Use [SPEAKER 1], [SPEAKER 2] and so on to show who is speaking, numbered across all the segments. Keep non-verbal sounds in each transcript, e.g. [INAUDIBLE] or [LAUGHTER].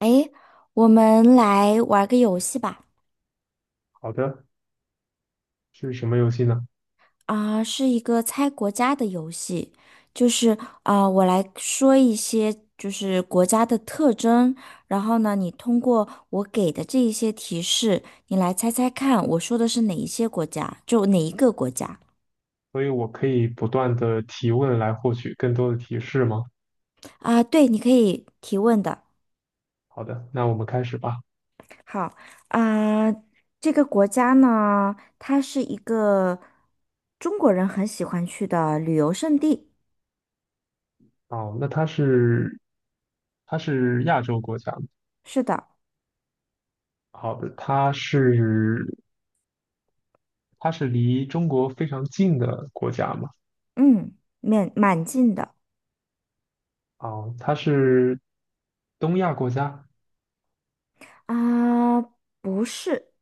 [SPEAKER 1] 诶，我们来玩个游戏吧。
[SPEAKER 2] 好的，是什么游戏呢？
[SPEAKER 1] 是一个猜国家的游戏，就是我来说一些就是国家的特征，然后呢，你通过我给的这一些提示，你来猜猜看，我说的是哪一些国家，就哪一个国家。
[SPEAKER 2] 所以我可以不断的提问来获取更多的提示吗？
[SPEAKER 1] 啊、对，你可以提问的。
[SPEAKER 2] 好的，那我们开始吧。
[SPEAKER 1] 好，啊、这个国家呢，它是一个中国人很喜欢去的旅游胜地。
[SPEAKER 2] 哦，那它是它是亚洲国家吗？
[SPEAKER 1] 是的。
[SPEAKER 2] 好的，它是它是离中国非常近的国家吗？
[SPEAKER 1] 嗯，面蛮近的。
[SPEAKER 2] 哦，它是东亚国家。
[SPEAKER 1] 啊，不是。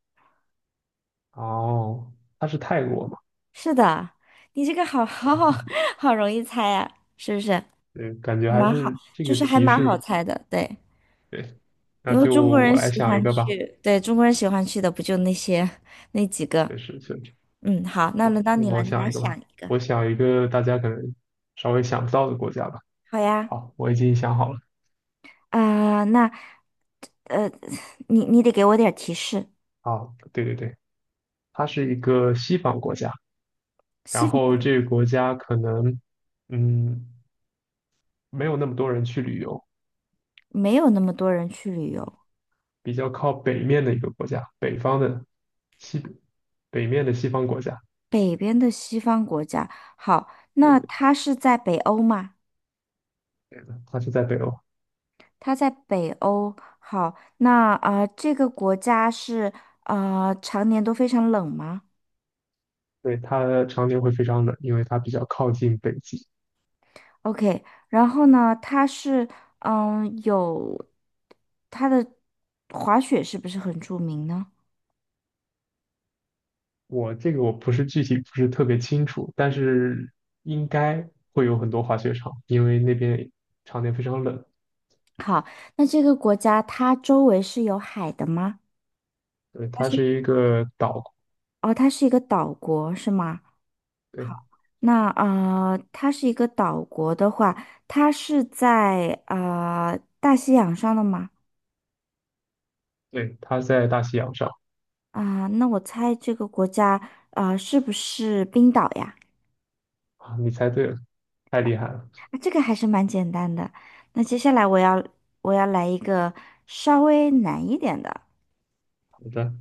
[SPEAKER 2] 哦，它是泰国吗？
[SPEAKER 1] 是的，你这个好好好 [LAUGHS] 好容易猜呀、是不是？
[SPEAKER 2] 对，感觉还
[SPEAKER 1] 蛮好，
[SPEAKER 2] 是这
[SPEAKER 1] 就
[SPEAKER 2] 个
[SPEAKER 1] 是还
[SPEAKER 2] 提
[SPEAKER 1] 蛮
[SPEAKER 2] 示
[SPEAKER 1] 好猜的，对，
[SPEAKER 2] 对。那
[SPEAKER 1] 因为
[SPEAKER 2] 就
[SPEAKER 1] 中国
[SPEAKER 2] 我
[SPEAKER 1] 人
[SPEAKER 2] 来
[SPEAKER 1] 喜
[SPEAKER 2] 想一
[SPEAKER 1] 欢
[SPEAKER 2] 个吧，
[SPEAKER 1] 去，对，中国人喜欢去的不就那些那几个？
[SPEAKER 2] 确实确实。
[SPEAKER 1] 嗯，好，那
[SPEAKER 2] 行，
[SPEAKER 1] 轮到
[SPEAKER 2] 那
[SPEAKER 1] 你了，
[SPEAKER 2] 么我
[SPEAKER 1] 你
[SPEAKER 2] 想
[SPEAKER 1] 来
[SPEAKER 2] 一个吧，
[SPEAKER 1] 想一个。
[SPEAKER 2] 我想一个大家可能稍微想不到的国家吧。
[SPEAKER 1] 好呀，
[SPEAKER 2] 好，我已经想好了。
[SPEAKER 1] 啊、那呃，你得给我点儿提示，
[SPEAKER 2] 好，对对对，它是一个西方国家，然
[SPEAKER 1] 西方
[SPEAKER 2] 后这个国家可能，嗯，没有那么多人去旅游，
[SPEAKER 1] 没有那么多人去旅游，
[SPEAKER 2] 比较靠北面的一个国家，北方的西，北面的西方国家。
[SPEAKER 1] 北边的西方国家，好，那
[SPEAKER 2] 对，
[SPEAKER 1] 它是在北欧吗？
[SPEAKER 2] 对的，它是在北欧，
[SPEAKER 1] 它在北欧。好，那这个国家是常年都非常冷吗
[SPEAKER 2] 对，它常年会非常冷，因为它比较靠近北极。
[SPEAKER 1] ？OK,然后呢，它是嗯有它的滑雪是不是很著名呢？
[SPEAKER 2] 我这个我不是具体不是特别清楚，但是应该会有很多滑雪场，因为那边常年非常冷。
[SPEAKER 1] 好，那这个国家它周围是有海的吗？
[SPEAKER 2] 对，
[SPEAKER 1] 它
[SPEAKER 2] 它
[SPEAKER 1] 是。
[SPEAKER 2] 是一个岛，
[SPEAKER 1] 哦，它是一个岛国是吗？
[SPEAKER 2] 对。
[SPEAKER 1] 好，那啊，它是一个岛国的话，它是在大西洋上的吗？
[SPEAKER 2] 对，它在大西洋上。
[SPEAKER 1] 啊，那我猜这个国家，啊，是不是冰岛呀？
[SPEAKER 2] 啊，你猜对了，太厉害了。
[SPEAKER 1] 啊，这个还是蛮简单的。那接下来我要，我要来一个稍微难一点的。
[SPEAKER 2] 好的。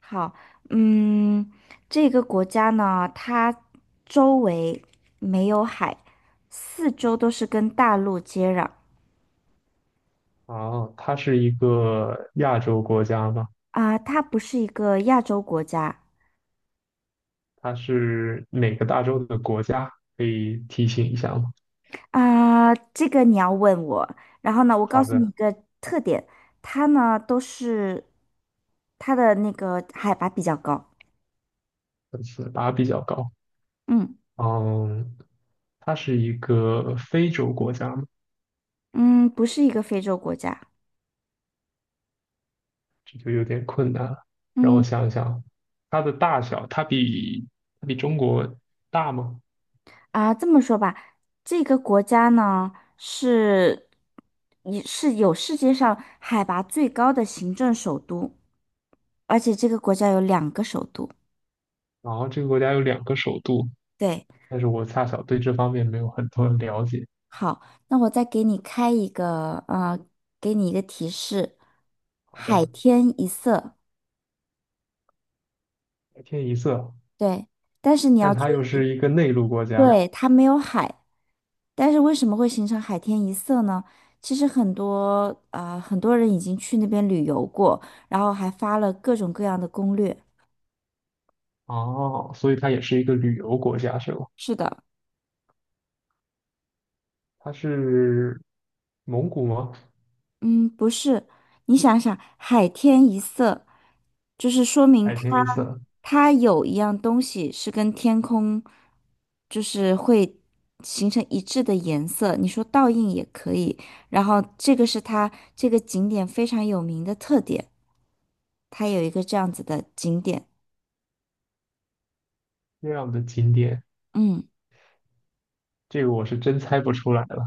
[SPEAKER 1] 好，嗯，这个国家呢，它周围没有海，四周都是跟大陆接壤。
[SPEAKER 2] 哦，它是一个亚洲国家吗？
[SPEAKER 1] 啊，它不是一个亚洲国家。
[SPEAKER 2] 它是哪个大洲的国家？可以提醒一下吗？
[SPEAKER 1] 啊，这个你要问我。然后呢，我告
[SPEAKER 2] 好
[SPEAKER 1] 诉你一
[SPEAKER 2] 的，
[SPEAKER 1] 个特点，它呢都是它的那个海拔比较高。
[SPEAKER 2] 分次拔比较高。
[SPEAKER 1] 嗯。
[SPEAKER 2] 嗯，它是一个非洲国家吗？
[SPEAKER 1] 嗯，不是一个非洲国家。
[SPEAKER 2] 这就有点困难了。让我
[SPEAKER 1] 嗯。
[SPEAKER 2] 想一想，它的大小，它比它比中国大吗？
[SPEAKER 1] 啊，这么说吧，这个国家呢是也是有世界上海拔最高的行政首都，而且这个国家有两个首都。
[SPEAKER 2] 然后这个国家有两个首都，
[SPEAKER 1] 对，
[SPEAKER 2] 但是我恰巧对这方面没有很多的了解。
[SPEAKER 1] 好，那我再给你开一个，给你一个提示，
[SPEAKER 2] 好
[SPEAKER 1] 海
[SPEAKER 2] 的。
[SPEAKER 1] 天一色。
[SPEAKER 2] 白天一色，
[SPEAKER 1] 对，但是你要
[SPEAKER 2] 但它
[SPEAKER 1] 注
[SPEAKER 2] 又是
[SPEAKER 1] 意，
[SPEAKER 2] 一个内陆国家。
[SPEAKER 1] 对，它没有海，但是为什么会形成海天一色呢？其实很多，很多人已经去那边旅游过，然后还发了各种各样的攻略。
[SPEAKER 2] 哦，所以它也是一个旅游国家是吗？
[SPEAKER 1] 是的。
[SPEAKER 2] 它是蒙古吗？
[SPEAKER 1] 嗯，不是，你想想，海天一色，就是说明
[SPEAKER 2] 海
[SPEAKER 1] 它，
[SPEAKER 2] 天一色
[SPEAKER 1] 它有一样东西是跟天空，就是会形成一致的颜色。你说倒映也可以，然后这个是它这个景点非常有名的特点，它有一个这样子的景点。
[SPEAKER 2] 这样的景点，
[SPEAKER 1] 嗯，
[SPEAKER 2] 这个我是真猜不出来了，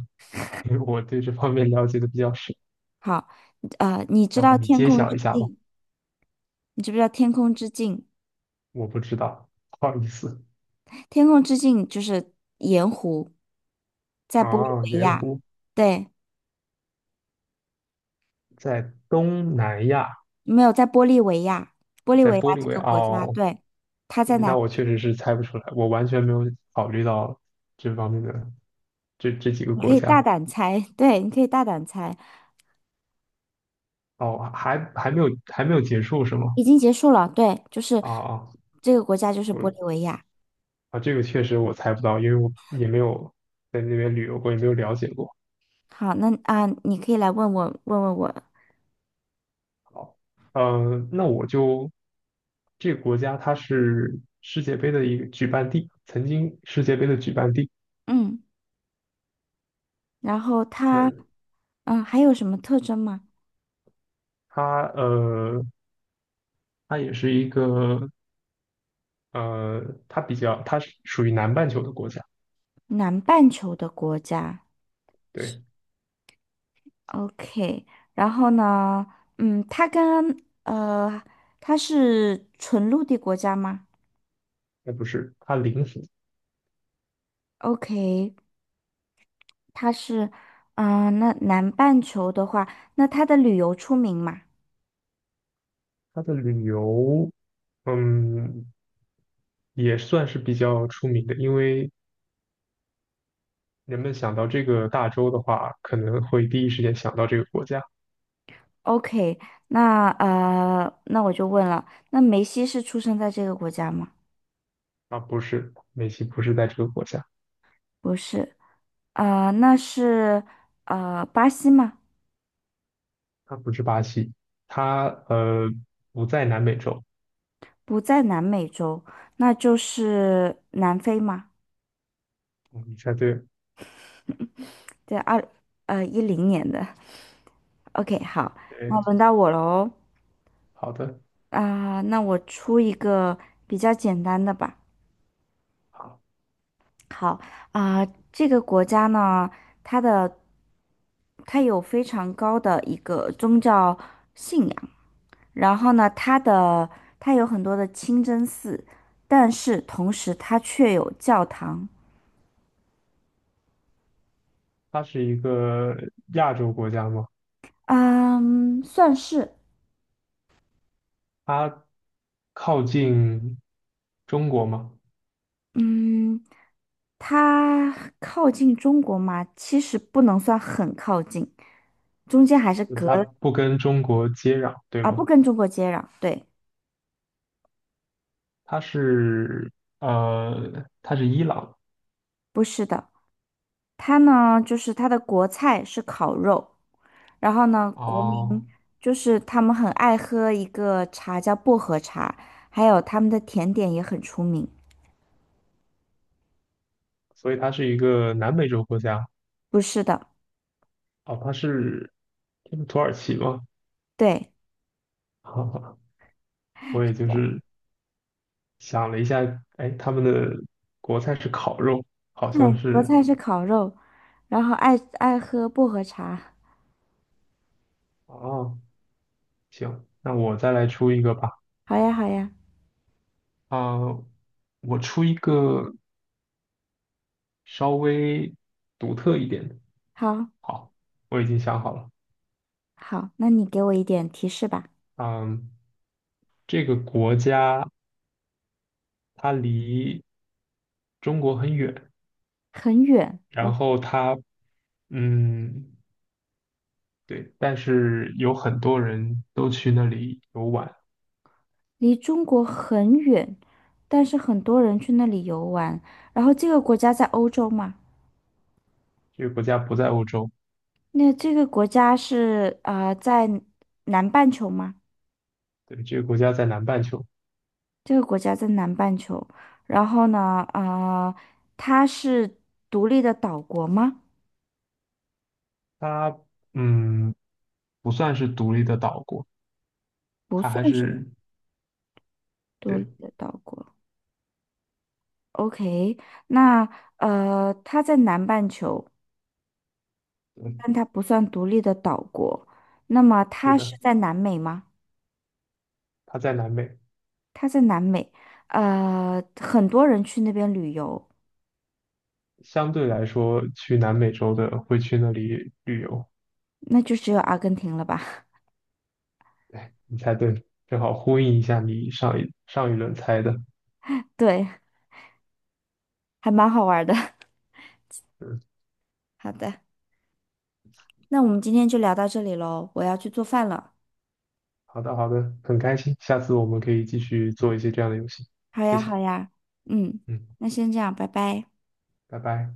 [SPEAKER 2] 因为我对这方面了解的比较少。
[SPEAKER 1] 好，你知
[SPEAKER 2] 要不
[SPEAKER 1] 道
[SPEAKER 2] 你
[SPEAKER 1] 天
[SPEAKER 2] 揭
[SPEAKER 1] 空
[SPEAKER 2] 晓
[SPEAKER 1] 之
[SPEAKER 2] 一下吧？
[SPEAKER 1] 镜，你知不知道天空之镜？
[SPEAKER 2] 我不知道，不好意思。
[SPEAKER 1] 天空之镜就是盐湖，在玻利
[SPEAKER 2] 啊，
[SPEAKER 1] 维
[SPEAKER 2] 盐
[SPEAKER 1] 亚，
[SPEAKER 2] 湖
[SPEAKER 1] 对，
[SPEAKER 2] 在东南亚，
[SPEAKER 1] 没有在玻利维亚，玻利
[SPEAKER 2] 在
[SPEAKER 1] 维亚
[SPEAKER 2] 玻利
[SPEAKER 1] 这
[SPEAKER 2] 维
[SPEAKER 1] 个
[SPEAKER 2] 亚。
[SPEAKER 1] 国家，
[SPEAKER 2] 哦，
[SPEAKER 1] 对，它
[SPEAKER 2] 对
[SPEAKER 1] 在
[SPEAKER 2] 那
[SPEAKER 1] 哪？
[SPEAKER 2] 我确实是猜不出来，我完全没有考虑到这方面的这几个
[SPEAKER 1] 你可
[SPEAKER 2] 国
[SPEAKER 1] 以大
[SPEAKER 2] 家。
[SPEAKER 1] 胆猜，对，你可以大胆猜，
[SPEAKER 2] 哦，还没有还没有结束是吗？
[SPEAKER 1] 已经结束了，对，就是
[SPEAKER 2] 啊啊，
[SPEAKER 1] 这个国家就是
[SPEAKER 2] 不
[SPEAKER 1] 玻利维亚。
[SPEAKER 2] 啊，这个确实我猜不到，因为我也没有在那边旅游过，也没有了解过。
[SPEAKER 1] 好，那啊，你可以来问我，问问我，
[SPEAKER 2] 好，那我就这个国家它是世界杯的一个举办地，曾经世界杯的举办地。
[SPEAKER 1] 嗯，然后它，
[SPEAKER 2] 那
[SPEAKER 1] 嗯，还有什么特征吗？
[SPEAKER 2] 它它也是一个呃，它比较，它是属于南半球的国家，
[SPEAKER 1] 南半球的国家。
[SPEAKER 2] 对，
[SPEAKER 1] OK,然后呢，嗯，它跟呃，它是纯陆地国家吗
[SPEAKER 2] 那不是，它邻国，
[SPEAKER 1] ？OK,它是，嗯、那南半球的话，那它的旅游出名嘛
[SPEAKER 2] 它的旅游，嗯，也算是比较出名的，因为人们想到这个大洲的话，可能会第一时间想到这个国家。
[SPEAKER 1] ？OK,那那我就问了，那梅西是出生在这个国家吗？
[SPEAKER 2] 啊，不是，美西不是在这个国家，
[SPEAKER 1] 不是，呃，那是巴西吗？
[SPEAKER 2] 它不是巴西，它不在南美洲，
[SPEAKER 1] 不在南美洲，那就是南非吗？
[SPEAKER 2] 嗯你猜对了，
[SPEAKER 1] 在二10年的。OK,好，那
[SPEAKER 2] 对，
[SPEAKER 1] 轮到我喽。
[SPEAKER 2] 好的。
[SPEAKER 1] 那我出一个比较简单的吧。
[SPEAKER 2] 好，
[SPEAKER 1] 好，啊、这个国家呢，它的它有非常高的一个宗教信仰，然后呢，它的它有很多的清真寺，但是同时它却有教堂。
[SPEAKER 2] 它是一个亚洲国家吗？
[SPEAKER 1] 嗯，算是，
[SPEAKER 2] 它靠近中国吗？
[SPEAKER 1] 嗯，它靠近中国嘛，其实不能算很靠近，中间还是
[SPEAKER 2] 嗯
[SPEAKER 1] 隔
[SPEAKER 2] 它
[SPEAKER 1] 了。
[SPEAKER 2] 不跟中国接壤，对
[SPEAKER 1] 啊，不
[SPEAKER 2] 吗？
[SPEAKER 1] 跟中国接壤，对，
[SPEAKER 2] 它是它是伊朗。
[SPEAKER 1] 不是的，它呢就是它的国菜是烤肉，然后呢国
[SPEAKER 2] 哦，
[SPEAKER 1] 民就是他们很爱喝一个茶叫薄荷茶，还有他们的甜点也很出名，
[SPEAKER 2] 所以它是一个南美洲国家。
[SPEAKER 1] 不是的，
[SPEAKER 2] 哦，它是它是土耳其吗？
[SPEAKER 1] 对
[SPEAKER 2] 哈哈，我也就是想了一下，哎，他们的国菜是烤肉，好
[SPEAKER 1] 对，
[SPEAKER 2] 像
[SPEAKER 1] 国
[SPEAKER 2] 是
[SPEAKER 1] 菜是烤肉，然后爱喝薄荷茶，
[SPEAKER 2] 哦。行，那我再来出一个吧。
[SPEAKER 1] 好呀好呀，
[SPEAKER 2] 啊、我出一个稍微独特一点的。
[SPEAKER 1] 好，
[SPEAKER 2] 好，我已经想好了。
[SPEAKER 1] 好，那你给我一点提示吧，
[SPEAKER 2] 嗯，这个国家它离中国很远，
[SPEAKER 1] 很远，
[SPEAKER 2] 然
[SPEAKER 1] 哦，
[SPEAKER 2] 后它，嗯，对，但是有很多人都去那里游玩。
[SPEAKER 1] 离中国很远，但是很多人去那里游玩，然后这个国家在欧洲嘛。
[SPEAKER 2] 这个国家不在欧洲。
[SPEAKER 1] 那这个国家是在南半球吗？
[SPEAKER 2] 对，这个国家在南半球。
[SPEAKER 1] 这个国家在南半球，然后呢，它是独立的岛国吗？
[SPEAKER 2] 它，嗯，不算是独立的岛国，
[SPEAKER 1] 不
[SPEAKER 2] 它
[SPEAKER 1] 算
[SPEAKER 2] 还
[SPEAKER 1] 是
[SPEAKER 2] 是，
[SPEAKER 1] 独
[SPEAKER 2] 对，
[SPEAKER 1] 立的岛国。OK,那它在南半球，
[SPEAKER 2] 嗯，
[SPEAKER 1] 但它不算独立的岛国。那么
[SPEAKER 2] 是
[SPEAKER 1] 它
[SPEAKER 2] 的，
[SPEAKER 1] 是在南美吗？
[SPEAKER 2] 它在南美。
[SPEAKER 1] 它在南美，呃，很多人去那边旅游，
[SPEAKER 2] 相对来说，去南美洲的会去那里旅游。
[SPEAKER 1] 那就只有阿根廷了吧？[LAUGHS]
[SPEAKER 2] 你猜对，正好呼应一下你上一轮猜的。
[SPEAKER 1] 对，还蛮好玩的。
[SPEAKER 2] 嗯，
[SPEAKER 1] [LAUGHS] 好的。那我们今天就聊到这里喽，我要去做饭了。
[SPEAKER 2] 好的好的，很开心，下次我们可以继续做一些这样的游戏。
[SPEAKER 1] 好
[SPEAKER 2] 谢
[SPEAKER 1] 呀，
[SPEAKER 2] 谢，
[SPEAKER 1] 好呀，嗯，
[SPEAKER 2] 嗯，
[SPEAKER 1] 那先这样，拜拜。
[SPEAKER 2] 拜拜。